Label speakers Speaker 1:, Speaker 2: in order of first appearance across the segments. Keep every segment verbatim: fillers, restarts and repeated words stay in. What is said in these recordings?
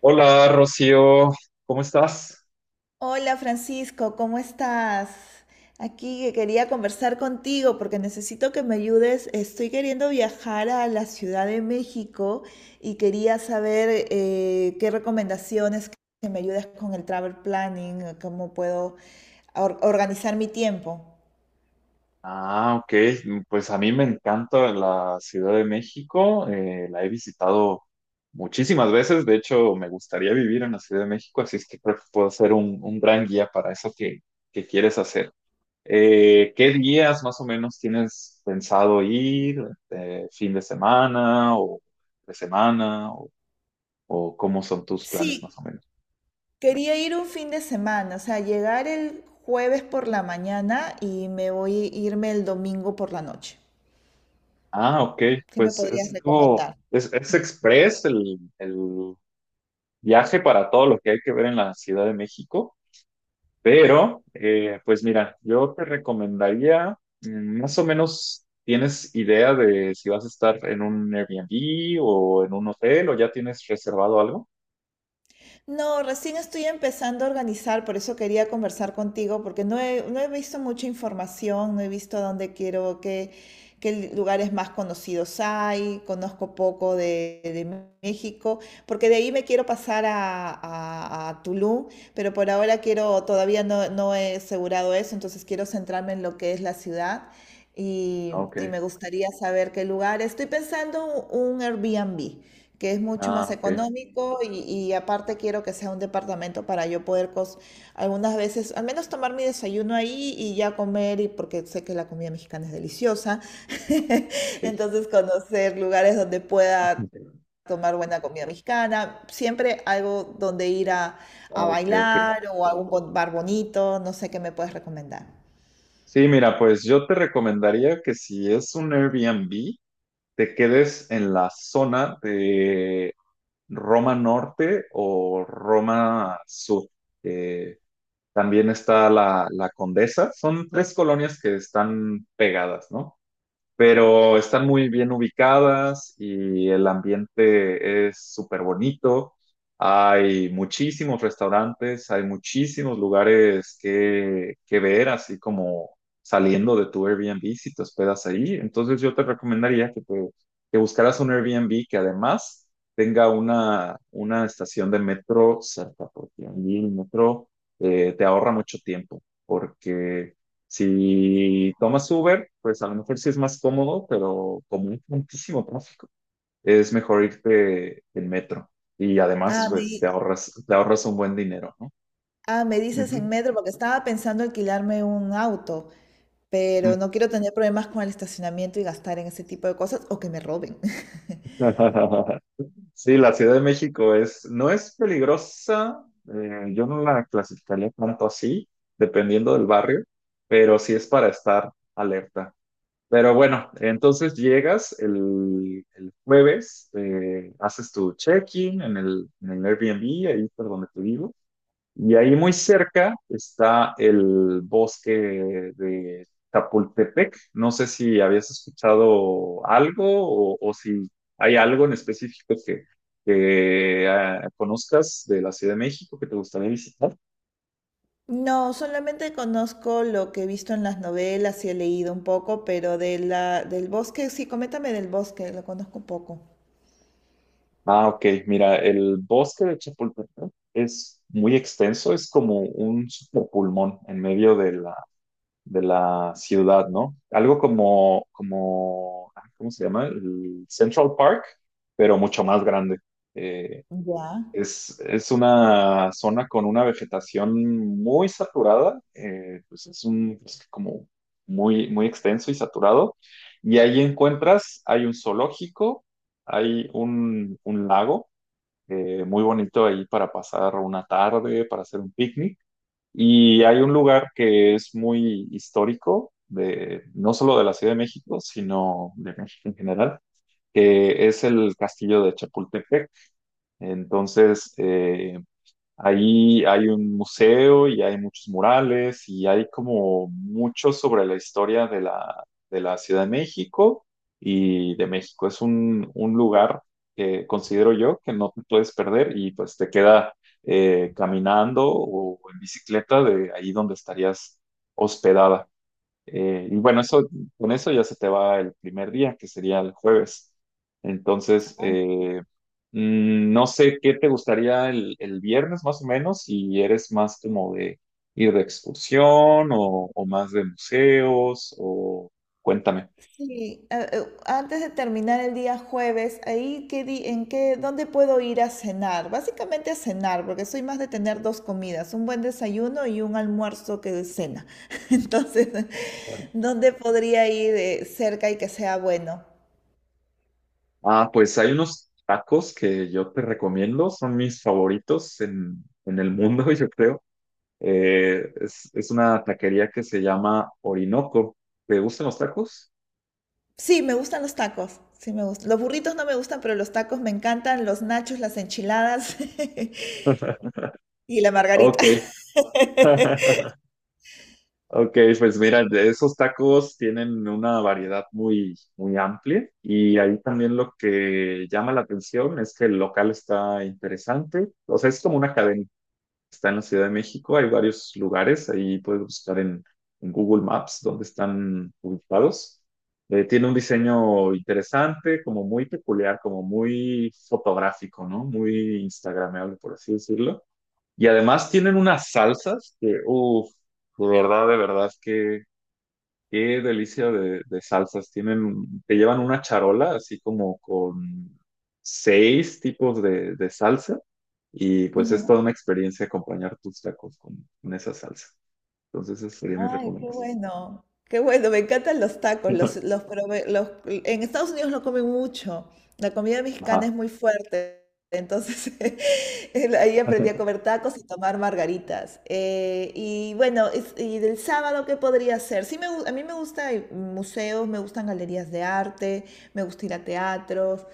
Speaker 1: Hola Rocío, ¿cómo estás?
Speaker 2: Hola Francisco, ¿cómo estás? Aquí que quería conversar contigo porque necesito que me ayudes. Estoy queriendo viajar a la Ciudad de México y quería saber eh, qué recomendaciones que me ayudes con el travel planning, eh, cómo puedo or- organizar mi tiempo.
Speaker 1: Ah, ok. Pues a mí me encanta la Ciudad de México. Eh, la he visitado muchísimas veces. De hecho, me gustaría vivir en la Ciudad de México, así es que creo que puedo ser un, un gran guía para eso que, que quieres hacer. Eh, ¿qué días más o menos tienes pensado ir? Eh, ¿fin de semana o de semana? ¿O, o cómo son tus
Speaker 2: Sí,
Speaker 1: planes más o menos?
Speaker 2: quería ir un fin de semana, o sea, llegar el jueves por la mañana y me voy a irme el domingo por la noche.
Speaker 1: Ah, ok,
Speaker 2: ¿Qué me
Speaker 1: pues es
Speaker 2: podrías
Speaker 1: algo,
Speaker 2: recomendar?
Speaker 1: es, es express el, el viaje para todo lo que hay que ver en la Ciudad de México, pero eh, pues mira, yo te recomendaría, mm, más o menos, ¿tienes idea de si vas a estar en un Airbnb o en un hotel o ya tienes reservado algo?
Speaker 2: No, recién estoy empezando a organizar, por eso quería conversar contigo, porque no he, no he visto mucha información, no he visto dónde quiero, qué, qué lugares más conocidos hay, conozco poco de, de México, porque de ahí me quiero pasar a, a- a Tulum, pero por ahora quiero, todavía no, no he asegurado eso, entonces quiero centrarme en lo que es la ciudad y,
Speaker 1: Ah, ok,
Speaker 2: y me gustaría saber qué lugar. Estoy pensando un Airbnb que es mucho
Speaker 1: ah,
Speaker 2: más
Speaker 1: ok.
Speaker 2: económico y, y aparte quiero que sea un departamento para yo poder cos- algunas veces, al menos tomar mi desayuno ahí y ya comer, y porque sé que la comida mexicana es deliciosa,
Speaker 1: Ah, ok.
Speaker 2: entonces conocer lugares donde pueda
Speaker 1: Ah,
Speaker 2: tomar buena comida mexicana, siempre algo donde ir a, a
Speaker 1: ok, ok.
Speaker 2: bailar o algún bo- bar bonito, no sé qué me puedes recomendar.
Speaker 1: Sí, mira, pues yo te recomendaría que si es un Airbnb, te quedes en la zona Roma Norte o Roma Sur. Eh, También está la, la Condesa. Son tres colonias que están pegadas, ¿no? Pero están muy bien ubicadas y el ambiente es súper bonito. Hay muchísimos restaurantes, hay muchísimos lugares que, que ver, así como saliendo de tu Airbnb si te hospedas ahí. Entonces yo te recomendaría que, te- que buscaras un Airbnb que además tenga una, una estación de metro cerca, porque allí el metro eh, te ahorra mucho tiempo, porque si tomas Uber, pues a lo mejor sí es más cómodo, pero como hay tantísimo tráfico, es mejor irte en metro. Y además,
Speaker 2: Ah, me,
Speaker 1: pues te
Speaker 2: di-
Speaker 1: ahorras, te ahorras un buen dinero, ¿no?
Speaker 2: ah, me dices
Speaker 1: Ujú,
Speaker 2: en metro, porque estaba pensando alquilarme un auto,
Speaker 1: ujú.
Speaker 2: pero no quiero tener problemas con el estacionamiento y gastar en ese tipo de cosas o que me roben.
Speaker 1: Sí, la Ciudad de México es, no es peligrosa, eh, yo no la clasificaría tanto así, dependiendo del barrio, pero sí es para estar alerta. Pero bueno, entonces llegas el, el jueves, eh, haces tu check-in en el, en el Airbnb, ahí por donde te vivo, y ahí muy cerca está el bosque de Chapultepec. No sé si habías escuchado algo o, o si hay algo en específico que, que, ah, conozcas de la Ciudad de México que te gustaría visitar.
Speaker 2: No, solamente conozco lo que he visto en las novelas y he leído un poco, pero de la, del bosque, sí, coméntame del bosque, lo conozco un poco.
Speaker 1: Ah, ok. Mira, el bosque de Chapultepec es muy extenso, es como un pulmón en medio de la, de la ciudad, ¿no? Algo como, como, ah, ¿cómo se llama? El Central Park, pero mucho más grande. Eh,
Speaker 2: Ya.
Speaker 1: es, es una zona con una vegetación muy saturada, eh, pues es un es como muy, muy extenso y saturado. Y ahí encuentras, hay un zoológico, hay un un lago eh, muy bonito ahí para pasar una tarde, para hacer un picnic. Y hay un lugar que es muy histórico, de, no solo de la Ciudad de México, sino de México en general, que es el Castillo de Chapultepec. Entonces, eh, ahí hay un museo y hay muchos murales y hay como mucho sobre la historia de la, de la Ciudad de México y de México. Es un, un lugar que considero yo que no te puedes perder y pues te queda eh, caminando o en bicicleta de ahí donde estarías hospedada. Eh, y bueno, eso, con eso ya se te va el primer día, que sería el jueves. Entonces, eh, mm, no sé qué te gustaría el, el viernes más o menos, si eres más como de ir de excursión o, o más de museos, o cuéntame.
Speaker 2: Sí, a- eh, antes de terminar el día jueves, ahí qué di- en qué, ¿dónde puedo ir a cenar? Básicamente a cenar, porque soy más de tener dos comidas, un buen desayuno y un almuerzo que es cena. Entonces,
Speaker 1: Bueno,
Speaker 2: ¿dónde podría ir eh, cerca y que sea bueno?
Speaker 1: Ah, pues hay unos tacos que yo te recomiendo, son mis favoritos en, en el mundo, yo creo. Eh, es, es una taquería que se llama Orinoco. ¿Te gustan los tacos?
Speaker 2: Sí, me gustan los tacos. Sí, me gustan. Los burritos no me gustan, pero los tacos me encantan, los nachos, las enchiladas y la margarita.
Speaker 1: Ok. Ok, pues mira, de esos tacos tienen una variedad muy, muy amplia y ahí también lo que llama la atención es que el local está interesante. O sea, es como una cadena. Está en la Ciudad de México, hay varios lugares, ahí puedes buscar en, en Google Maps dónde están ubicados. Eh, tiene un diseño interesante, como muy peculiar, como muy fotográfico, ¿no? Muy instagramable, por así decirlo. Y además tienen unas salsas que, uff, de verdad, de verdad, que qué delicia de, de salsas. Tienen, te llevan una charola así como con seis tipos de, de salsa y pues es toda
Speaker 2: Ujú.
Speaker 1: una experiencia acompañar tus tacos con, con esa salsa. Entonces esa sería mi
Speaker 2: Ay, qué
Speaker 1: recomendación.
Speaker 2: bueno, qué bueno, me encantan los tacos, los, los, prove- los- en Estados Unidos lo comen mucho, la comida mexicana es
Speaker 1: Ajá.
Speaker 2: muy fuerte, entonces el- ahí aprendí a comer tacos y tomar margaritas. Eh, y bueno, es- y del sábado, ¿qué podría hacer? Sí, me, gu- a mí me gustan museos, me gustan galerías de arte, me gusta ir a teatros,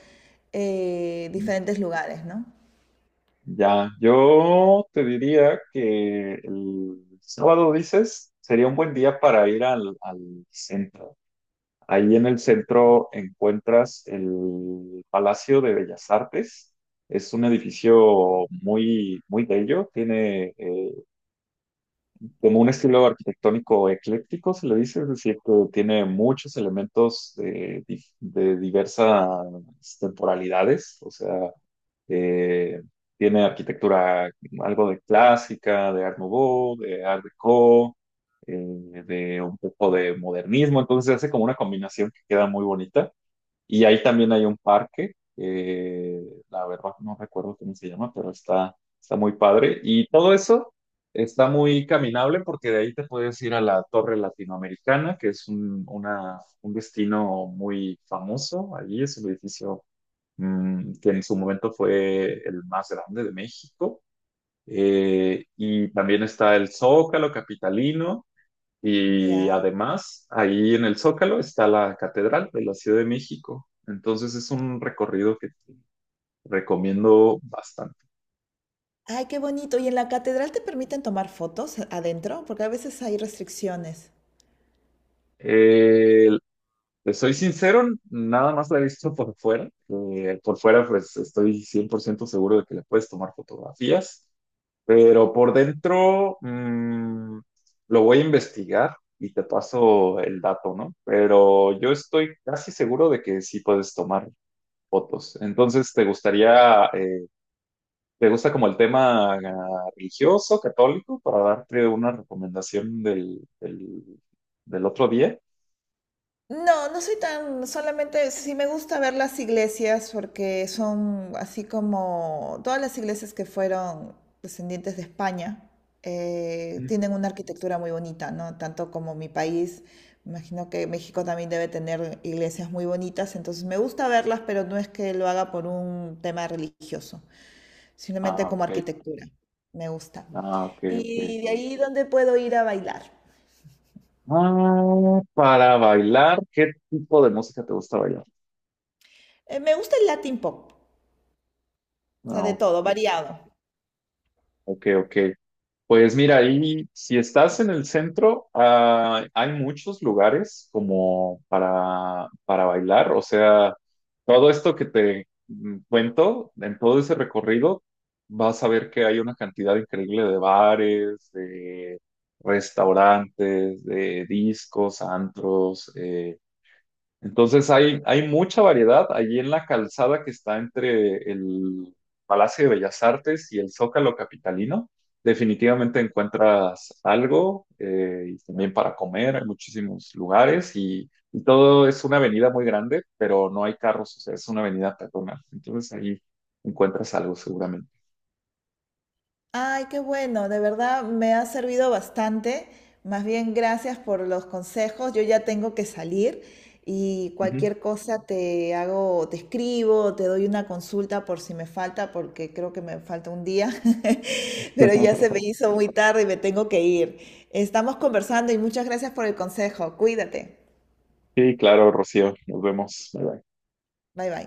Speaker 2: eh, diferentes lugares, ¿no?
Speaker 1: Ya, yo te diría que el sábado, dices, sería un buen día para ir al, al centro. Ahí en el centro encuentras el Palacio de Bellas Artes. Es un edificio muy, muy bello. Tiene eh, como un estilo arquitectónico ecléctico, se le dice, es decir, que tiene muchos elementos de, dif- de diversas temporalidades, o sea, eh, tiene arquitectura algo de clásica, de Art Nouveau, de Art Deco, eh, de un poco de modernismo, entonces hace como una combinación que queda muy bonita. Y ahí también hay un parque, eh, la verdad no recuerdo cómo se llama, pero está, está muy padre. Y todo eso está muy caminable porque de ahí te puedes ir a la Torre Latinoamericana, que es un, una- un destino muy famoso. Allí es un edificio mm, que en su momento fue el más grande de México. Eh, y también está el Zócalo Capitalino. Y
Speaker 2: Ya.
Speaker 1: además, ahí en el Zócalo está la Catedral de la Ciudad de México. Entonces es un recorrido que te recomiendo bastante.
Speaker 2: Ay, qué bonito. ¿Y en la catedral te permiten tomar fotos adentro? Porque a veces hay restricciones.
Speaker 1: Eh, Te soy sincero, nada más la he visto por fuera. Eh, por fuera, pues estoy cien por ciento seguro de que le puedes tomar fotografías, pero por dentro mm, lo voy a investigar y te paso el dato, ¿no? Pero yo estoy casi seguro de que sí puedes tomar fotos. Entonces, ¿te gustaría, eh, ¿te gusta como el tema ah, religioso, católico, para darte una recomendación del, del, del otro día?
Speaker 2: No, no soy tan, solamente sí me gusta ver las iglesias porque son así como todas las iglesias que fueron descendientes de España eh,
Speaker 1: Mm.
Speaker 2: tienen una arquitectura muy bonita, ¿no? Tanto como mi país, me imagino que México también debe tener iglesias muy bonitas, entonces me gusta verlas, pero no es que lo haga por un tema religioso. Simplemente
Speaker 1: Ah,
Speaker 2: como
Speaker 1: ok,
Speaker 2: arquitectura. Me gusta.
Speaker 1: ah, ok, ok.
Speaker 2: Y de ahí, ¿dónde puedo ir a bailar?
Speaker 1: Ah, para bailar, ¿qué tipo de música te gusta bailar?
Speaker 2: Eh, me gusta el Latin pop, o sea,
Speaker 1: Ah,
Speaker 2: de
Speaker 1: ok,
Speaker 2: todo, variado.
Speaker 1: ok, ok. Pues mira, ahí si estás en el centro, ah, hay muchos lugares como para, para bailar. O sea, todo esto que te mm, cuento, en todo ese recorrido, vas a ver que hay una cantidad increíble de bares, de restaurantes, de discos, antros. Eh, entonces hay, hay mucha variedad allí en la calzada que está entre el Palacio de Bellas Artes y el Zócalo capitalino. Definitivamente encuentras algo eh, y también para comer, hay muchísimos lugares y, y todo es una avenida muy grande, pero no hay carros, o sea, es una avenida peatonal. Entonces ahí encuentras algo seguramente.
Speaker 2: Ay, qué bueno, de verdad me ha servido bastante. Más bien, gracias por los consejos. Yo ya tengo que salir y
Speaker 1: Ujú.
Speaker 2: cualquier cosa te hago, te escribo, te doy una consulta por si me falta, porque creo que me falta un día, pero ya se me hizo muy tarde y me tengo que ir. Estamos conversando y muchas gracias por el consejo. Cuídate.
Speaker 1: Sí, claro, Rocío, nos vemos. Bye, bye.
Speaker 2: Bye bye.